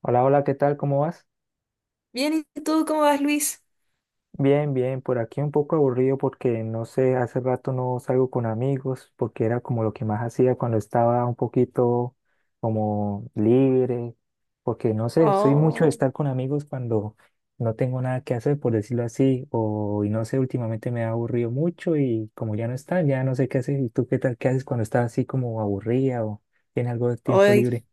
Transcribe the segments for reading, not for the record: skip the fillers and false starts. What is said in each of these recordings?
Hola, hola, ¿qué tal? ¿Cómo vas? Bien, ¿y tú cómo vas, Luis? Bien, bien, por aquí un poco aburrido porque no sé, hace rato no salgo con amigos porque era como lo que más hacía cuando estaba un poquito como libre, porque no sé, soy mucho de Oh, estar con amigos cuando no tengo nada que hacer, por decirlo así, o y no sé, últimamente me ha aburrido mucho y como ya no están, ya no sé qué hacer. ¿Y tú qué tal? ¿Qué haces cuando estás así como aburrida o tienes algo de tiempo hoy, libre?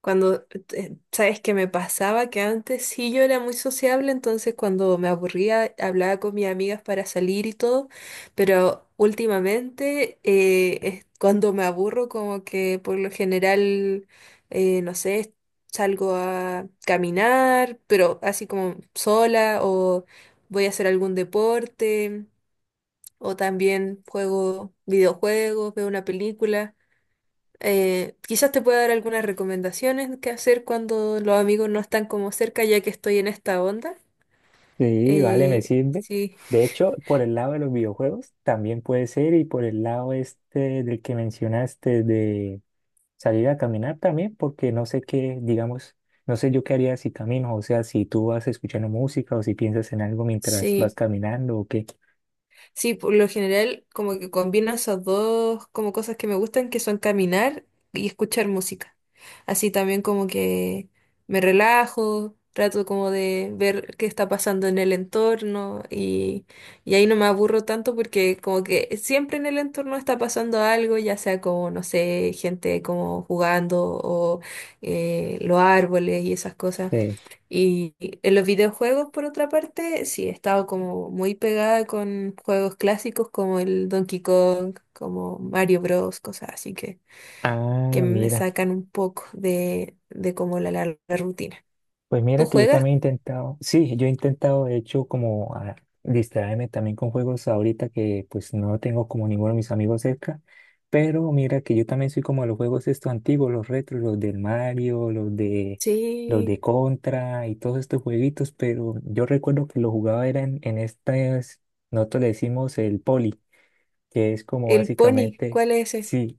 cuando, sabes que me pasaba que antes sí yo era muy sociable, entonces cuando me aburría hablaba con mis amigas para salir y todo, pero últimamente cuando me aburro como que por lo general, no sé, salgo a caminar, pero así como sola o voy a hacer algún deporte o también juego videojuegos, veo una película. Quizás te pueda dar algunas recomendaciones que hacer cuando los amigos no están como cerca, ya que estoy en esta onda. Sí, vale, me sirve. Sí, De hecho, por el lado de los videojuegos también puede ser y por el lado este del que mencionaste de salir a caminar también, porque no sé qué, digamos, no sé yo qué haría si camino, o sea, si tú vas escuchando música o si piensas en algo mientras vas sí. caminando o qué. Sí, por lo general como que combino esas dos como cosas que me gustan, que son caminar y escuchar música. Así también como que me relajo, trato como de ver qué está pasando en el entorno y ahí no me aburro tanto porque como que siempre en el entorno está pasando algo, ya sea como, no sé, gente como jugando o los árboles y esas cosas. Sí. Y en los videojuegos, por otra parte, sí, he estado como muy pegada con juegos clásicos como el Donkey Kong, como Mario Bros, cosas así que Ah, me mira. sacan un poco de como la larga rutina. Pues ¿Tú mira que yo juegas? también he intentado, sí, yo he intentado de hecho como a distraerme también con juegos ahorita que pues no tengo como ninguno de mis amigos cerca, pero mira que yo también soy como de los juegos estos antiguos, los retros, los del Mario, los de Sí, Contra y todos estos jueguitos, pero yo recuerdo que lo jugaba era en estas, nosotros le decimos el poli, que es como el Pony, básicamente, ¿cuál es ese? sí,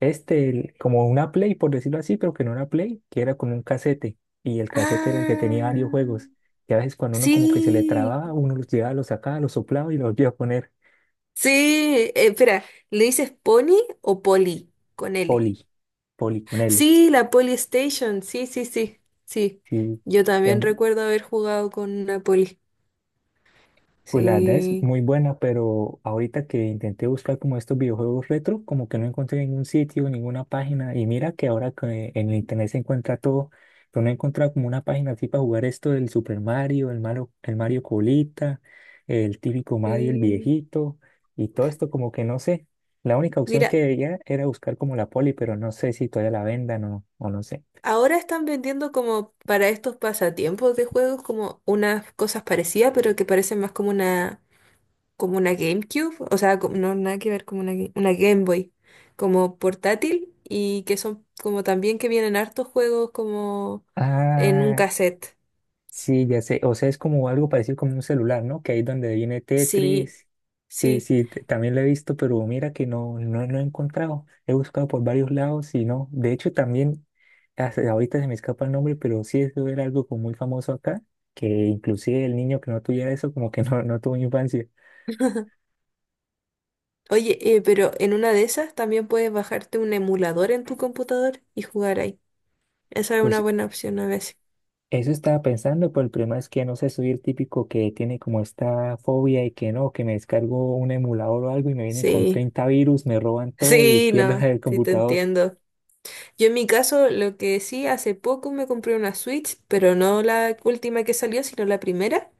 como una Play, por decirlo así, pero que no era Play, que era como un casete. Y el casete era el que tenía varios Ah, juegos. Y a veces cuando uno como que se le sí, trababa, uno los llevaba, los sacaba, los soplaba y los volvía a poner. sí, espera, ¿le dices Pony o Poli con L? Poli, Poli con L. Sí, la Polystation, sí, sí, sí, sí. Sí, Yo también em, recuerdo haber jugado con una Poli. pues la verdad es Sí, muy buena, pero ahorita que intenté buscar como estos videojuegos retro, como que no encontré ningún sitio, ninguna página. Y mira que ahora que en el internet se encuentra todo, pero no he encontrado como una página así para jugar esto del Super Mario, el Mario, el Mario Colita, el típico Mario, el sí. viejito, y todo esto como que no sé. La única opción Mira, que veía era buscar como la Poli, pero no sé si todavía la vendan o no sé. ahora están vendiendo como para estos pasatiempos de juegos como unas cosas parecidas, pero que parecen más como una GameCube, o sea, no nada que ver como una, una Game Boy, como portátil y que son como también que vienen hartos juegos como en un Ah, cassette. sí, ya sé. O sea, es como algo parecido como un celular, ¿no? Que ahí donde viene Sí, Tetris. Sí, sí. sí, también lo he visto, pero mira que no, no, no he encontrado. He buscado por varios lados y no. De hecho, también, hasta ahorita se me escapa el nombre, pero sí, eso era algo como muy famoso acá, que inclusive el niño que no tuviera eso, como que no, no tuvo infancia. Oye, pero en una de esas también puedes bajarte un emulador en tu computador y jugar ahí. Esa es una Pues buena opción a veces. eso estaba pensando, pero el problema es que no sé, soy el típico que tiene como esta fobia y que no, que me descargo un emulador o algo y me viene con Sí, 30 virus, me roban todo y sí, pierdo no, el sí te computador. entiendo. Yo en mi caso, lo que sí, hace poco me compré una Switch, pero no la última que salió, sino la primera.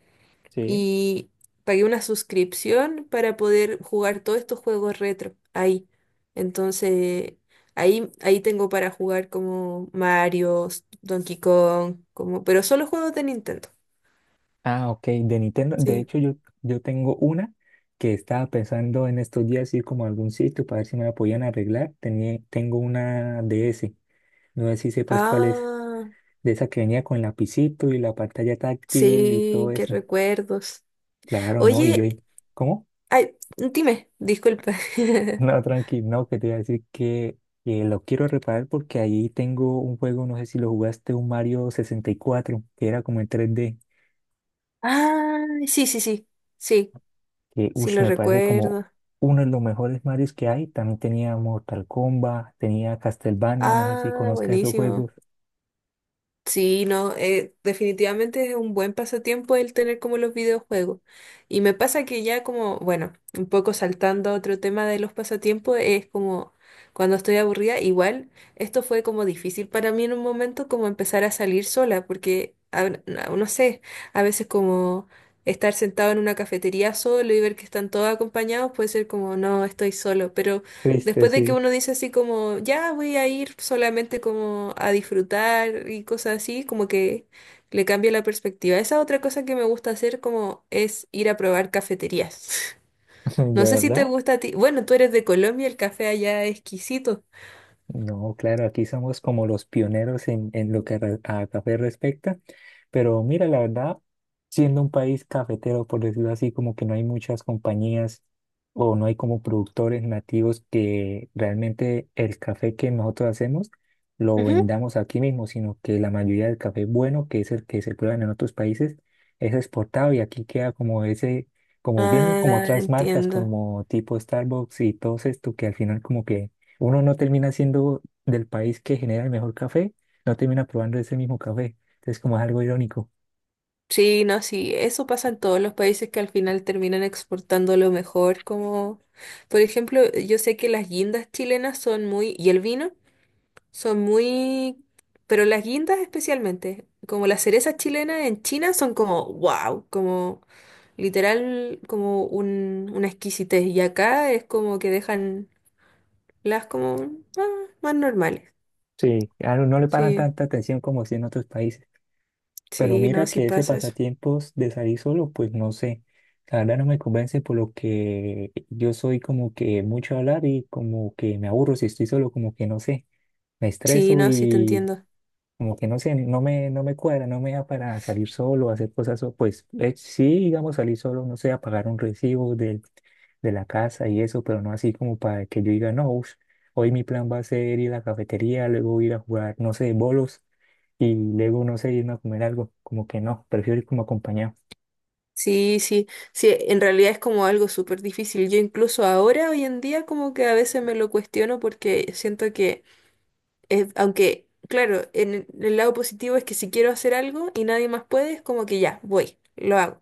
Sí. Y pagué una suscripción para poder jugar todos estos juegos retro ahí. Entonces, ahí, ahí tengo para jugar como Mario, Donkey Kong, como, pero solo juegos de Nintendo. Ah, ok, de Nintendo. De Sí. hecho, yo, tengo una que estaba pensando en estos días ir como a algún sitio para ver si me la podían arreglar. Tenía, tengo una DS. No sé si sepas cuál es. Ah, De esa que venía con lapicito y la pantalla táctil y todo sí, qué eso. recuerdos. Claro, no. Y yo, Oye, ahí, ¿cómo? ay, dime, disculpa. No, tranquilo, no, que te iba a decir que lo quiero reparar porque ahí tengo un juego, no sé si lo jugaste, un Mario 64 que era como en 3D Ah, sí, sí, sí, sí, que sí ush, lo me parece como recuerdo. uno de los mejores Marios que hay. También tenía Mortal Kombat, tenía Castlevania, no sé si Ah, conozcas esos buenísimo. juegos. Sí, no, definitivamente es un buen pasatiempo el tener como los videojuegos. Y me pasa que ya como, bueno, un poco saltando a otro tema de los pasatiempos, es como cuando estoy aburrida, igual esto fue como difícil para mí en un momento como empezar a salir sola, porque no sé, a veces como estar sentado en una cafetería solo y ver que están todos acompañados puede ser como, no, estoy solo, pero… Triste, Después de que sí, uno dice así como, ya voy a ir solamente como a disfrutar y cosas así, como que le cambia la perspectiva. Esa otra cosa que me gusta hacer como es ir a probar cafeterías. No de sé si te verdad. gusta a ti. Bueno, tú eres de Colombia, el café allá es exquisito. No, claro, aquí somos como los pioneros en, en lo que a café respecta, pero mira, la verdad, siendo un país cafetero, por decirlo así, como que no hay muchas compañías o no hay como productores nativos que realmente el café que nosotros hacemos lo Ujú. vendamos aquí mismo, sino que la mayoría del café bueno, que es el que se prueba en otros países, es exportado y aquí queda como ese, como bien como Ah, otras marcas entiendo. como tipo Starbucks y todos esto que al final como que uno no termina siendo del país que genera el mejor café, no termina probando ese mismo café. Entonces, como es algo irónico. Sí, no, sí, eso pasa en todos los países que al final terminan exportando lo mejor, como por ejemplo, yo sé que las guindas chilenas son muy, y el vino son muy… Pero las guindas especialmente, como las cerezas chilenas en China, son como wow, como literal, como un, una exquisitez. Y acá es como que dejan las como ah, más normales. Sí, a uno no le paran Sí, tanta atención como si en otros países. Pero sí, no, mira sí que ese pasa eso. pasatiempos de salir solo, pues no sé. La verdad no me convence por lo que yo soy como que mucho hablar y como que me aburro si estoy solo, como que no sé. Me Sí, estreso no, sí te y entiendo. como que no sé, no me cuadra, no me da para salir solo, hacer cosas, pues sí, digamos, salir solo, no sé, a pagar un recibo de la casa y eso, pero no así como para que yo diga, no, ush, hoy mi plan va a ser ir a la cafetería, luego ir a jugar, no sé, bolos y luego, no sé, irme a comer algo, como que no, prefiero ir como acompañado. Sí, sí, sí, en realidad es como algo súper difícil. Yo incluso ahora, hoy en día, como que a veces me lo cuestiono porque siento que es- aunque, claro, en el lado positivo es que si quiero hacer algo y nadie más puede, es como que ya, voy, lo hago.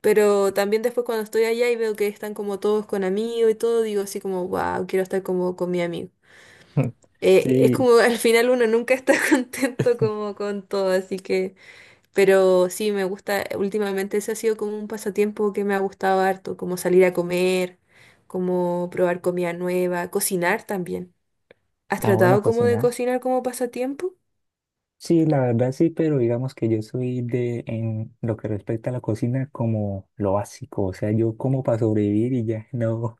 Pero también después cuando estoy allá y veo que están como todos con amigos y todo, digo así como, wow, quiero estar como con mi amigo. Es Sí, como al final uno nunca está contento como con todo, así que, pero sí, me gusta, últimamente ese ha sido como un pasatiempo que me ha gustado harto, como salir a comer, como probar comida nueva, cocinar también. ¿Has ah, bueno, tratado como de cocinar. cocinar como pasatiempo? Sí, la verdad sí, pero digamos que yo soy en lo que respecta a la cocina, como lo básico, o sea, yo como para sobrevivir y ya, no,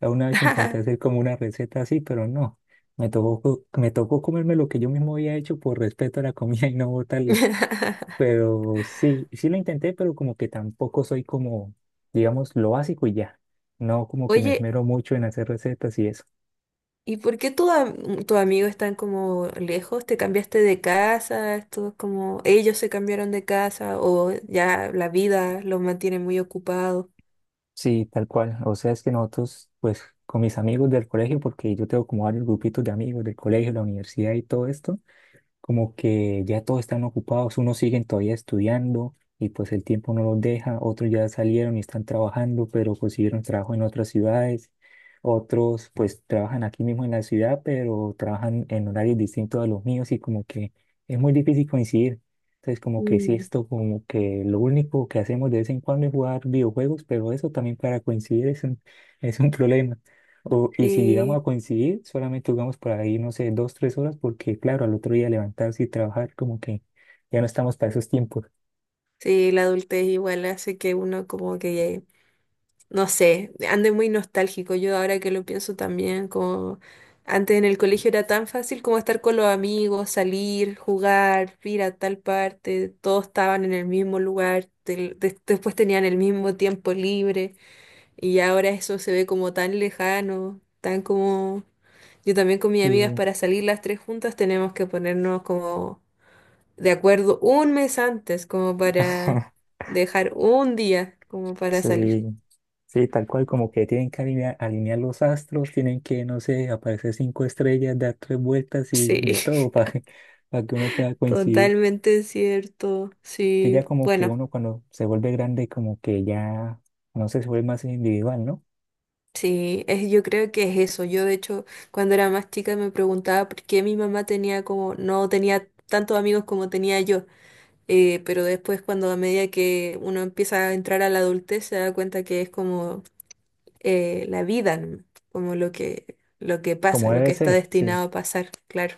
ya una vez intenté hacer como una receta así, pero no. Me tocó, me tocó comerme lo que yo mismo había hecho por respeto a la comida y no botarla. Pero sí, sí lo intenté, pero como que tampoco soy como, digamos, lo básico y ya. No como que me Oye, esmero mucho en hacer recetas y eso. ¿y por qué tus amigos están como lejos? ¿Te cambiaste de casa? ¿Estos como ellos se cambiaron de casa o ya la vida los mantiene muy ocupados? Sí, tal cual. O sea, es que nosotros, pues, con mis amigos del colegio, porque yo tengo como varios grupitos de amigos del colegio, la universidad y todo esto, como que ya todos están ocupados, unos siguen todavía estudiando y pues el tiempo no los deja, otros ya salieron y están trabajando, pero consiguieron trabajo en otras ciudades, otros pues trabajan aquí mismo en la ciudad, pero trabajan en horarios distintos a los míos y como que es muy difícil coincidir. Entonces como que sí, Mm. esto como que lo único que hacemos de vez en cuando es jugar videojuegos, pero eso también para coincidir es un, problema. O, y si llegamos Sí, a coincidir, solamente jugamos por ahí, no sé, 2, 3 horas, porque claro, al otro día levantarse y trabajar, como que ya no estamos para esos tiempos. sí, la adultez igual hace que uno como que no sé, ande muy nostálgico. Yo ahora que lo pienso también, como antes en el colegio era tan fácil como estar con los amigos, salir, jugar, ir a tal parte, todos estaban en el mismo lugar, después tenían el mismo tiempo libre y ahora eso se ve como tan lejano, tan como… Yo también con mis amigas Sí, para salir las tres juntas tenemos que ponernos como de acuerdo un mes antes, como para dejar un día como para salir. sí, sí, tal cual, como que tienen que alinear, alinear los astros, tienen que, no sé, aparecer cinco estrellas, dar tres vueltas y Sí. de todo para que uno pueda coincidir. Totalmente cierto, Que sí, ya como que bueno, uno cuando se vuelve grande, como que ya, no sé, se vuelve más individual, ¿no? sí, es, yo creo que es eso. Yo de hecho cuando era más chica me preguntaba por qué mi mamá tenía como, no tenía tantos amigos como tenía yo. Pero después cuando a medida que uno empieza a entrar a la adultez se da cuenta que es como la vida, ¿no? Como lo que pasa, Como lo que debe está ser, sí. destinado a pasar, claro.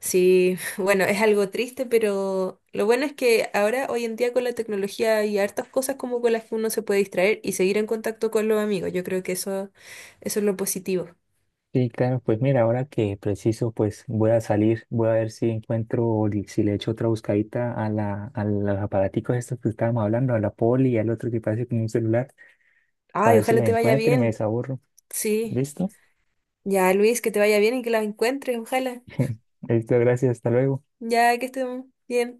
Sí, bueno, es algo triste, pero lo bueno es que ahora, hoy en día, con la tecnología hay hartas cosas como con las que uno se puede distraer y seguir en contacto con los amigos. Yo creo que eso es lo positivo. Sí, claro, pues mira, ahora que preciso, pues voy a salir, voy a ver si encuentro, o si le echo otra buscadita a a los aparaticos estos que estábamos hablando, a la poli y al otro que parece como un celular, para Ay, ver si ojalá los te vaya encuentro y me bien. desaburro. Sí. ¿Listo? Ya, Luis, que te vaya bien y que la encuentres, ojalá. Listo, gracias, hasta luego. Ya que estemos bien.